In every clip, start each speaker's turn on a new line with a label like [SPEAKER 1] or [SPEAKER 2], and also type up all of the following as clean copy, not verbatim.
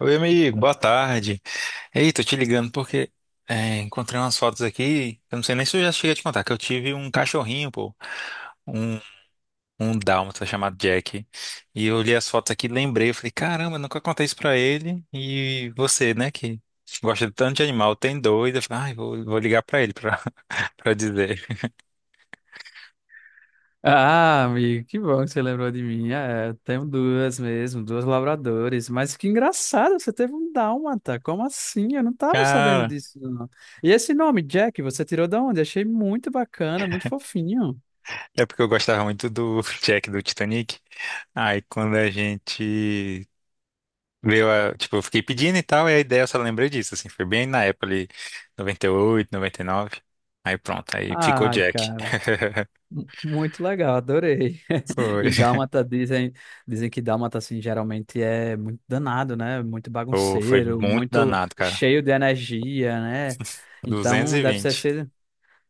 [SPEAKER 1] Oi, amigo, boa tarde. Ei, tô te ligando porque encontrei umas fotos aqui. Eu não sei nem se eu já cheguei a te contar, que eu tive um cachorrinho, pô, um, um dálmata chamado Jack. E eu olhei as fotos aqui, e lembrei, eu falei, caramba, eu nunca contei isso pra ele. E você, né, que gosta de tanto de animal, tem dois. Eu falei, ai, vou ligar pra ele pra, pra dizer.
[SPEAKER 2] Ah, amigo, que bom que você lembrou de mim. É, eu tenho duas mesmo, duas labradores. Mas que engraçado, você teve um dálmata. Como assim? Eu não tava sabendo
[SPEAKER 1] Cara,
[SPEAKER 2] disso, não. E esse nome, Jack, você tirou da onde? Achei muito bacana, muito fofinho.
[SPEAKER 1] é porque eu gostava muito do Jack do Titanic. Aí quando a gente tipo, eu fiquei pedindo e tal, e a ideia eu só lembrei disso, assim, foi bem na época ali, 98 99. Aí pronto, aí ficou
[SPEAKER 2] Ai,
[SPEAKER 1] Jack.
[SPEAKER 2] cara, muito legal, adorei.
[SPEAKER 1] Foi.
[SPEAKER 2] E dálmata dizem, dizem que dálmata assim geralmente é muito danado, né? Muito
[SPEAKER 1] Pô, foi
[SPEAKER 2] bagunceiro,
[SPEAKER 1] muito
[SPEAKER 2] muito
[SPEAKER 1] danado, cara.
[SPEAKER 2] cheio de energia, né?
[SPEAKER 1] duzentos
[SPEAKER 2] Então
[SPEAKER 1] e
[SPEAKER 2] deve ser
[SPEAKER 1] vinte
[SPEAKER 2] esse,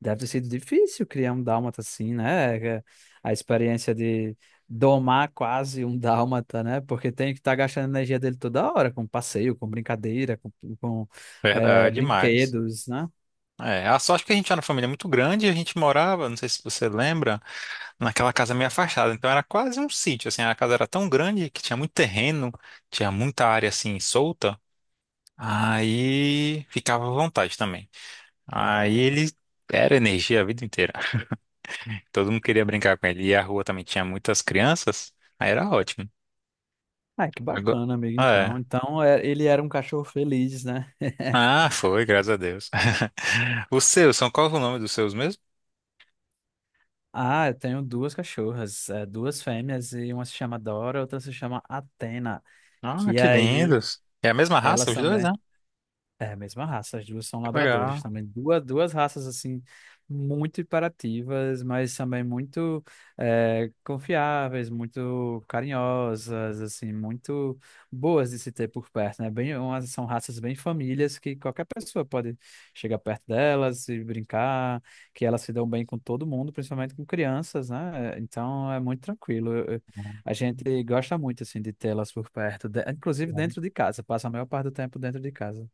[SPEAKER 2] deve ter sido difícil criar um dálmata assim, né? É, a experiência de domar quase um dálmata, né? Porque tem que estar gastando a energia dele toda hora, com passeio, com brincadeira, com, é,
[SPEAKER 1] Verdade, demais.
[SPEAKER 2] brinquedos, né?
[SPEAKER 1] É, a sorte que a gente era uma família muito grande, e a gente morava, não sei se você lembra, naquela casa meio afastada. Então era quase um sítio, assim, a casa era tão grande que tinha muito terreno, tinha muita área assim solta. Aí ficava à vontade também. Aí ele era energia a vida inteira. Todo mundo queria brincar com ele. E a rua também tinha muitas crianças. Aí era ótimo.
[SPEAKER 2] Ah, que
[SPEAKER 1] Agora,
[SPEAKER 2] bacana, amigo, então.
[SPEAKER 1] é.
[SPEAKER 2] Então, é, ele era um cachorro feliz, né?
[SPEAKER 1] Ah, foi, graças a Deus. Os seus, são qual o nome dos seus mesmo?
[SPEAKER 2] Ah, eu tenho duas cachorras, é, duas fêmeas, e uma se chama Dora, outra se chama Atena,
[SPEAKER 1] Ah,
[SPEAKER 2] que
[SPEAKER 1] que
[SPEAKER 2] aí
[SPEAKER 1] lindos. É a mesma raça,
[SPEAKER 2] elas
[SPEAKER 1] os dois, né?
[SPEAKER 2] também é a mesma raça, as duas são
[SPEAKER 1] Que
[SPEAKER 2] labradores
[SPEAKER 1] legal.
[SPEAKER 2] também. Duas, duas raças, assim, muito imperativas, mas também muito confiáveis, muito carinhosas, assim, muito boas de se ter por perto, né? Bem, umas, são raças bem famílias que qualquer pessoa pode chegar perto delas e brincar, que elas se dão bem com todo mundo, principalmente com crianças, né? Então é muito tranquilo. A gente gosta muito, assim, de tê-las por perto, de- inclusive
[SPEAKER 1] Legal.
[SPEAKER 2] dentro de casa, passa a maior parte do tempo dentro de casa.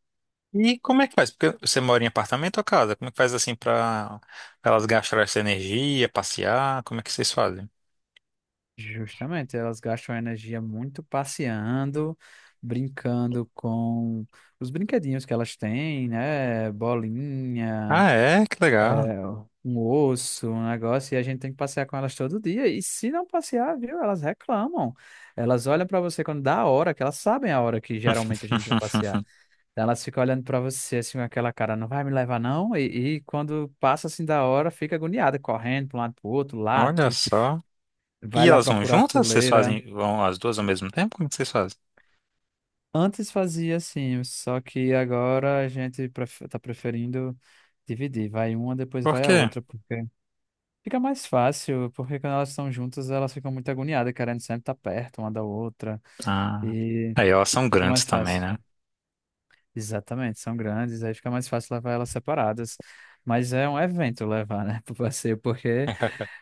[SPEAKER 1] E como é que faz? Porque você mora em apartamento ou casa? Como é que faz assim pra elas gastarem essa energia, passear? Como é que vocês fazem?
[SPEAKER 2] Justamente, elas gastam energia muito passeando, brincando com os brinquedinhos que elas têm, né? Bolinha,
[SPEAKER 1] Ah, é? Que legal.
[SPEAKER 2] é, um osso, um negócio, e a gente tem que passear com elas todo dia. E se não passear, viu? Elas reclamam. Elas olham pra você quando dá a hora, que elas sabem a hora que geralmente a gente vai passear. Então, elas ficam olhando pra você assim com aquela cara, não vai me levar não? E quando passa assim da hora, fica agoniada, correndo para um lado pro outro,
[SPEAKER 1] Olha
[SPEAKER 2] late,
[SPEAKER 1] só.
[SPEAKER 2] vai
[SPEAKER 1] E
[SPEAKER 2] lá
[SPEAKER 1] elas vão
[SPEAKER 2] procurar a
[SPEAKER 1] juntas? Vocês
[SPEAKER 2] coleira.
[SPEAKER 1] fazem, vão as duas ao mesmo tempo? Como que vocês fazem?
[SPEAKER 2] Antes fazia assim, só que agora a gente tá preferindo dividir. Vai uma, depois
[SPEAKER 1] Por
[SPEAKER 2] vai a
[SPEAKER 1] quê?
[SPEAKER 2] outra, porque fica mais fácil, porque quando elas estão juntas, elas ficam muito agoniadas, querendo sempre estar perto uma da outra,
[SPEAKER 1] Ah,
[SPEAKER 2] e
[SPEAKER 1] aí elas são
[SPEAKER 2] fica
[SPEAKER 1] grandes
[SPEAKER 2] mais
[SPEAKER 1] também,
[SPEAKER 2] fácil.
[SPEAKER 1] né?
[SPEAKER 2] Exatamente, são grandes, aí fica mais fácil levar elas separadas. Mas é um evento levar, né, pro passeio, porque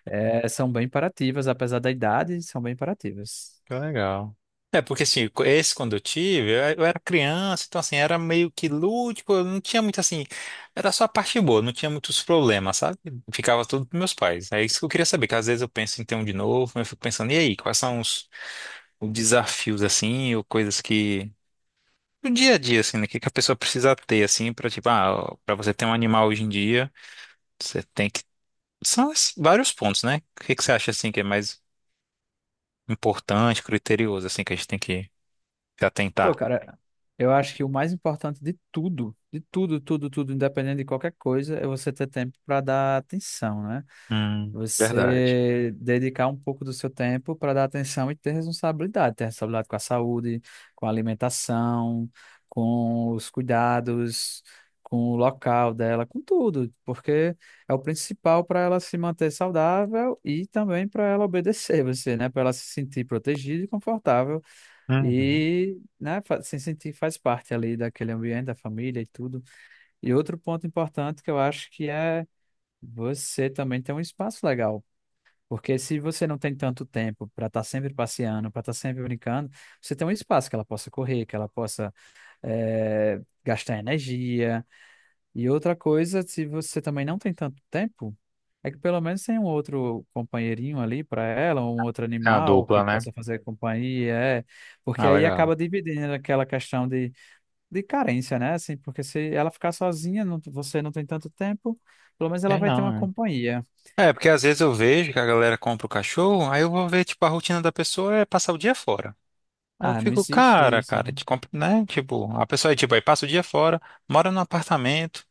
[SPEAKER 2] são bem imperativas, apesar da idade, são bem imperativas.
[SPEAKER 1] Que legal. É, porque assim, esse quando eu tive, eu era criança, então assim, era meio que lúdico, eu não tinha muito assim, era só a parte boa, não tinha muitos problemas, sabe? Ficava tudo pros meus pais. É isso que eu queria saber, que às vezes eu penso em ter um de novo, mas eu fico pensando, e aí, quais são os desafios assim, ou coisas que, do dia a dia, assim, né, que a pessoa precisa ter, assim, pra tipo, ah, pra você ter um animal hoje em dia. Você tem que. São vários pontos, né? O que que você acha assim que é mais importante, criterioso, assim, que a gente tem que se
[SPEAKER 2] Pô,
[SPEAKER 1] atentar?
[SPEAKER 2] cara, eu acho que o mais importante de tudo, tudo, tudo, independente de qualquer coisa, é você ter tempo para dar atenção, né?
[SPEAKER 1] Verdade.
[SPEAKER 2] Você dedicar um pouco do seu tempo para dar atenção e ter responsabilidade com a saúde, com a alimentação, com os cuidados, com o local dela, com tudo, porque é o principal para ela se manter saudável e também para ela obedecer você, né? Para ela se sentir protegida e confortável
[SPEAKER 1] Uhum.
[SPEAKER 2] e, né, se sentir faz parte ali daquele ambiente, da família e tudo. E outro ponto importante que eu acho que é você também ter um espaço legal. Porque se você não tem tanto tempo para estar sempre passeando, para estar sempre brincando, você tem um espaço que ela possa correr, que ela possa gastar energia, e outra coisa, se você também não tem tanto tempo, é que pelo menos tem um outro companheirinho ali para ela, um outro
[SPEAKER 1] É a
[SPEAKER 2] animal que
[SPEAKER 1] dupla, né?
[SPEAKER 2] possa fazer companhia, é, porque
[SPEAKER 1] Ah,
[SPEAKER 2] aí
[SPEAKER 1] legal.
[SPEAKER 2] acaba dividindo aquela questão de carência, né? Assim, porque se ela ficar sozinha, você não tem tanto tempo, pelo menos ela
[SPEAKER 1] É
[SPEAKER 2] vai ter
[SPEAKER 1] não,
[SPEAKER 2] uma
[SPEAKER 1] né?
[SPEAKER 2] companhia.
[SPEAKER 1] É, porque às vezes eu vejo que a galera compra o cachorro, aí eu vou ver, tipo, a rotina da pessoa é passar o dia fora. Aí eu
[SPEAKER 2] Ah, não
[SPEAKER 1] fico,
[SPEAKER 2] existe
[SPEAKER 1] cara,
[SPEAKER 2] isso,
[SPEAKER 1] cara,
[SPEAKER 2] né?
[SPEAKER 1] te compra, né? Tipo, a pessoa é tipo, aí passa o dia fora, mora num apartamento.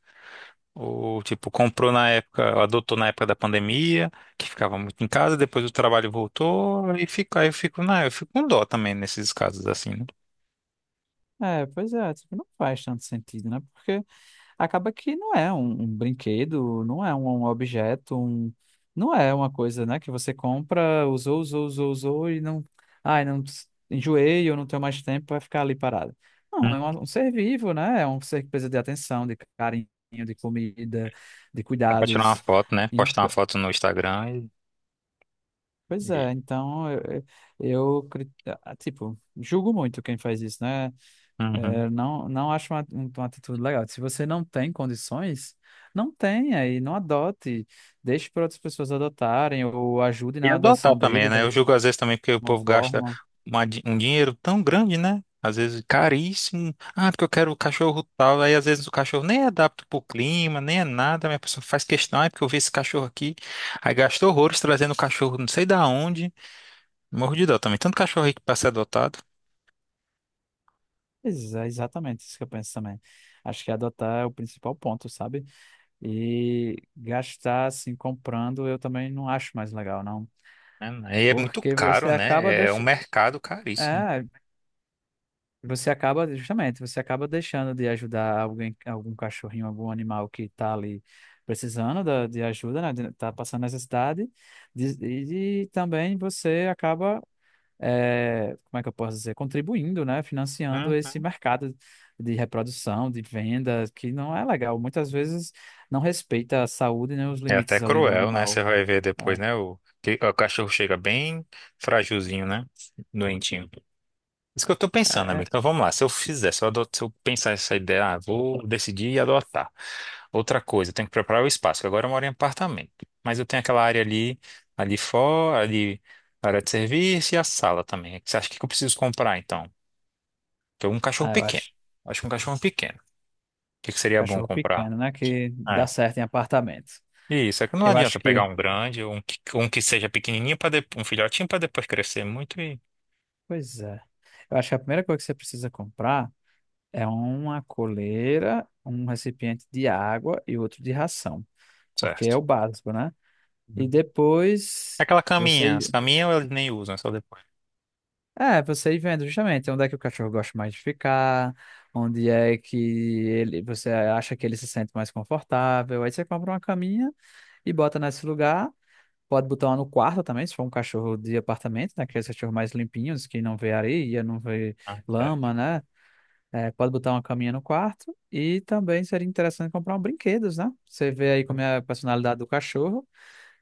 [SPEAKER 1] Ou, tipo, comprou na época, adotou na época da pandemia, que ficava muito em casa, depois o trabalho voltou, e fica, aí eu fico, não, eu fico com dó também nesses casos assim, né?
[SPEAKER 2] É, pois é, tipo, não faz tanto sentido, né? Acaba que não é um brinquedo, não é um objeto, um, não é uma coisa, né, que você compra, usou, usou, usou, usou e não, ai, enjoei, eu não tenho mais tempo, vai ficar ali parado. Não,
[SPEAKER 1] Hum.
[SPEAKER 2] é um ser vivo, né? É um ser que precisa de atenção, de carinho, de comida, de
[SPEAKER 1] Pra tirar uma
[SPEAKER 2] cuidados.
[SPEAKER 1] foto, né?
[SPEAKER 2] Ent-
[SPEAKER 1] Postar uma foto no Instagram e.
[SPEAKER 2] Pois
[SPEAKER 1] e-
[SPEAKER 2] é, então eu, tipo, julgo muito quem faz isso, né?
[SPEAKER 1] Uhum.
[SPEAKER 2] Eu não acho uma atitude legal. Se você não tem condições, não tenha e não adote. Deixe para outras pessoas adotarem ou ajude
[SPEAKER 1] E
[SPEAKER 2] na
[SPEAKER 1] adotar
[SPEAKER 2] adoção
[SPEAKER 1] também,
[SPEAKER 2] dele de
[SPEAKER 1] né? Eu julgo às vezes também porque o
[SPEAKER 2] alguma
[SPEAKER 1] povo gasta
[SPEAKER 2] forma.
[SPEAKER 1] um dinheiro tão grande, né? Às vezes caríssimo. Ah, porque eu quero o cachorro tal. Aí às vezes o cachorro nem é adapta pro clima, nem é nada. Mas a pessoa faz questão, ah, porque eu vi esse cachorro aqui. Aí gastou horrores trazendo o cachorro não sei da onde. Morro de dó também. Tanto cachorro aí que pra ser adotado.
[SPEAKER 2] É exatamente isso que eu penso também. Acho que adotar é o principal ponto, sabe? E gastar assim comprando eu também não acho mais legal, não.
[SPEAKER 1] Né? Aí é muito
[SPEAKER 2] Porque você
[SPEAKER 1] caro,
[SPEAKER 2] acaba
[SPEAKER 1] né? É um
[SPEAKER 2] deixando.
[SPEAKER 1] mercado caríssimo.
[SPEAKER 2] Você acaba, justamente, você acaba deixando de ajudar alguém, algum cachorrinho, algum animal que está ali precisando de ajuda, né? Tá passando necessidade. E também você acaba, como é que eu posso dizer, contribuindo, né? Financiando esse
[SPEAKER 1] Uhum.
[SPEAKER 2] mercado de reprodução, de venda, que não é legal. Muitas vezes não respeita a saúde nem os
[SPEAKER 1] É até
[SPEAKER 2] limites ali do
[SPEAKER 1] cruel, né? Você
[SPEAKER 2] animal.
[SPEAKER 1] vai ver depois,
[SPEAKER 2] É,
[SPEAKER 1] né? O, o cachorro chega bem fragilzinho, né? Doentinho. Isso que eu tô pensando,
[SPEAKER 2] é-
[SPEAKER 1] amigo. Então vamos lá. Se eu fizer, se eu pensar essa ideia, ah, vou decidir e adotar. Outra coisa, eu tenho que preparar o espaço, que agora eu moro em apartamento. Mas eu tenho aquela área ali, ali fora, ali, a área de serviço e a sala também. Você acha que eu preciso comprar, então? Porque um cachorro
[SPEAKER 2] ah, eu
[SPEAKER 1] pequeno.
[SPEAKER 2] acho
[SPEAKER 1] Eu acho que um cachorro pequeno. O que que seria bom
[SPEAKER 2] cachorro
[SPEAKER 1] comprar?
[SPEAKER 2] pequeno, né? Que
[SPEAKER 1] É.
[SPEAKER 2] dá certo em apartamento.
[SPEAKER 1] Isso, é que não
[SPEAKER 2] Eu
[SPEAKER 1] adianta
[SPEAKER 2] acho
[SPEAKER 1] pegar
[SPEAKER 2] que.
[SPEAKER 1] um grande, um que seja pequenininho, para um filhotinho, para depois crescer muito e...
[SPEAKER 2] Pois é. Eu acho que a primeira coisa que você precisa comprar é uma coleira, um recipiente de água e outro de ração, porque é
[SPEAKER 1] Certo.
[SPEAKER 2] o básico, né? E
[SPEAKER 1] Uhum.
[SPEAKER 2] depois
[SPEAKER 1] Aquela
[SPEAKER 2] você
[SPEAKER 1] caminha, as
[SPEAKER 2] ir-
[SPEAKER 1] caminhas eles nem usam, é só depois.
[SPEAKER 2] é, você ir vendo justamente onde é que o cachorro gosta mais de ficar, onde é que ele você acha que ele se sente mais confortável. Aí você compra uma caminha e bota nesse lugar. Pode botar uma no quarto também, se for um cachorro de apartamento, né? Aqueles cachorros mais limpinhos, que não vê areia, não vê
[SPEAKER 1] Né?
[SPEAKER 2] lama, né? É, pode botar uma caminha no quarto e também seria interessante comprar uns brinquedos, né? Você vê aí como é a personalidade do cachorro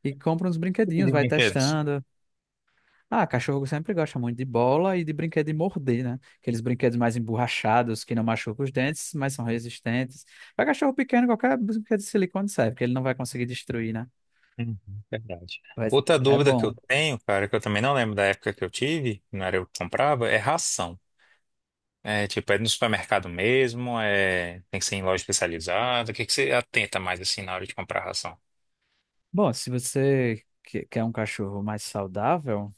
[SPEAKER 2] e compra uns
[SPEAKER 1] Tipo
[SPEAKER 2] brinquedinhos,
[SPEAKER 1] de
[SPEAKER 2] vai
[SPEAKER 1] brinquedos.
[SPEAKER 2] testando. Ah, cachorro sempre gosta muito de bola e de brinquedo de morder, né? Aqueles brinquedos mais emborrachados que não machucam os dentes, mas são resistentes. Para cachorro pequeno, qualquer brinquedo de silicone serve, porque ele não vai conseguir destruir, né?
[SPEAKER 1] Uhum, verdade.
[SPEAKER 2] Mas
[SPEAKER 1] Outra
[SPEAKER 2] é
[SPEAKER 1] dúvida que
[SPEAKER 2] bom.
[SPEAKER 1] eu tenho, cara, que eu também não lembro da época que eu tive, que não era eu que comprava, é ração. É tipo, é no supermercado mesmo, é... tem que ser em loja especializada. O que que você atenta mais assim na hora de comprar ração?
[SPEAKER 2] Bom, se você quer um cachorro mais saudável,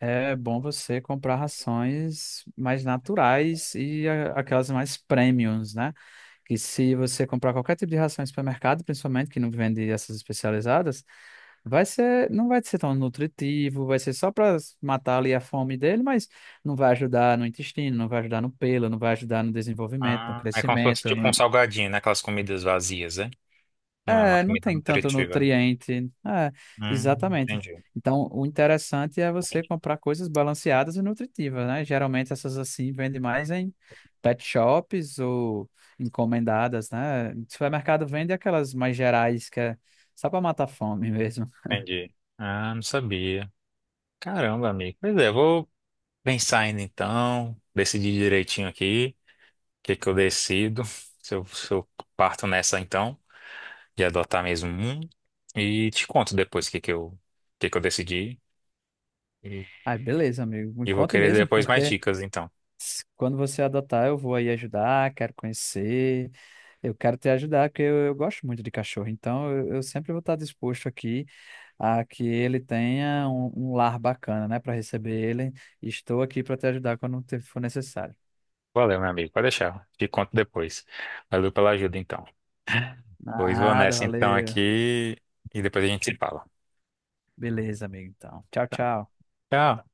[SPEAKER 2] é bom você comprar rações mais naturais e aquelas mais premiums, né? Que se você comprar qualquer tipo de ração em supermercado, principalmente que não vende essas especializadas, não vai ser tão nutritivo, vai ser só para matar ali a fome dele, mas não vai ajudar no intestino, não vai ajudar no pelo, não vai ajudar no desenvolvimento, no
[SPEAKER 1] Ah, é como se fosse
[SPEAKER 2] crescimento, no,
[SPEAKER 1] tipo um salgadinho, né? Aquelas comidas vazias, né? Não é uma
[SPEAKER 2] é, não
[SPEAKER 1] comida
[SPEAKER 2] tem tanto
[SPEAKER 1] nutritiva, né?
[SPEAKER 2] nutriente. É, exatamente.
[SPEAKER 1] Entendi,
[SPEAKER 2] Então, o interessante é você comprar coisas balanceadas e nutritivas, né? Geralmente essas assim vendem mais em pet shops ou encomendadas, né? Supermercado vende aquelas mais gerais que é só para matar a fome mesmo.
[SPEAKER 1] entendi. Ah, não sabia. Caramba, amigo. Pois é, vou pensar ainda então, decidir direitinho aqui. Que eu decido? Se eu parto nessa então, de adotar mesmo um, e te conto depois o que que eu decidi. E,
[SPEAKER 2] Ai, beleza, amigo. Me
[SPEAKER 1] e vou
[SPEAKER 2] conte
[SPEAKER 1] querer
[SPEAKER 2] mesmo,
[SPEAKER 1] depois mais
[SPEAKER 2] porque
[SPEAKER 1] dicas, então.
[SPEAKER 2] quando você adotar, eu vou aí ajudar, quero conhecer, eu quero te ajudar, porque eu gosto muito de cachorro, então eu sempre vou estar disposto aqui a que ele tenha um lar bacana, né, para receber ele. Estou aqui para te ajudar quando for necessário.
[SPEAKER 1] Valeu, meu amigo. Pode deixar. Te conto depois. Valeu pela ajuda, então. Pois vou
[SPEAKER 2] Nada,
[SPEAKER 1] nessa então
[SPEAKER 2] valeu.
[SPEAKER 1] aqui e depois a gente se fala.
[SPEAKER 2] Beleza, amigo, então. Tchau, tchau.
[SPEAKER 1] Tchau.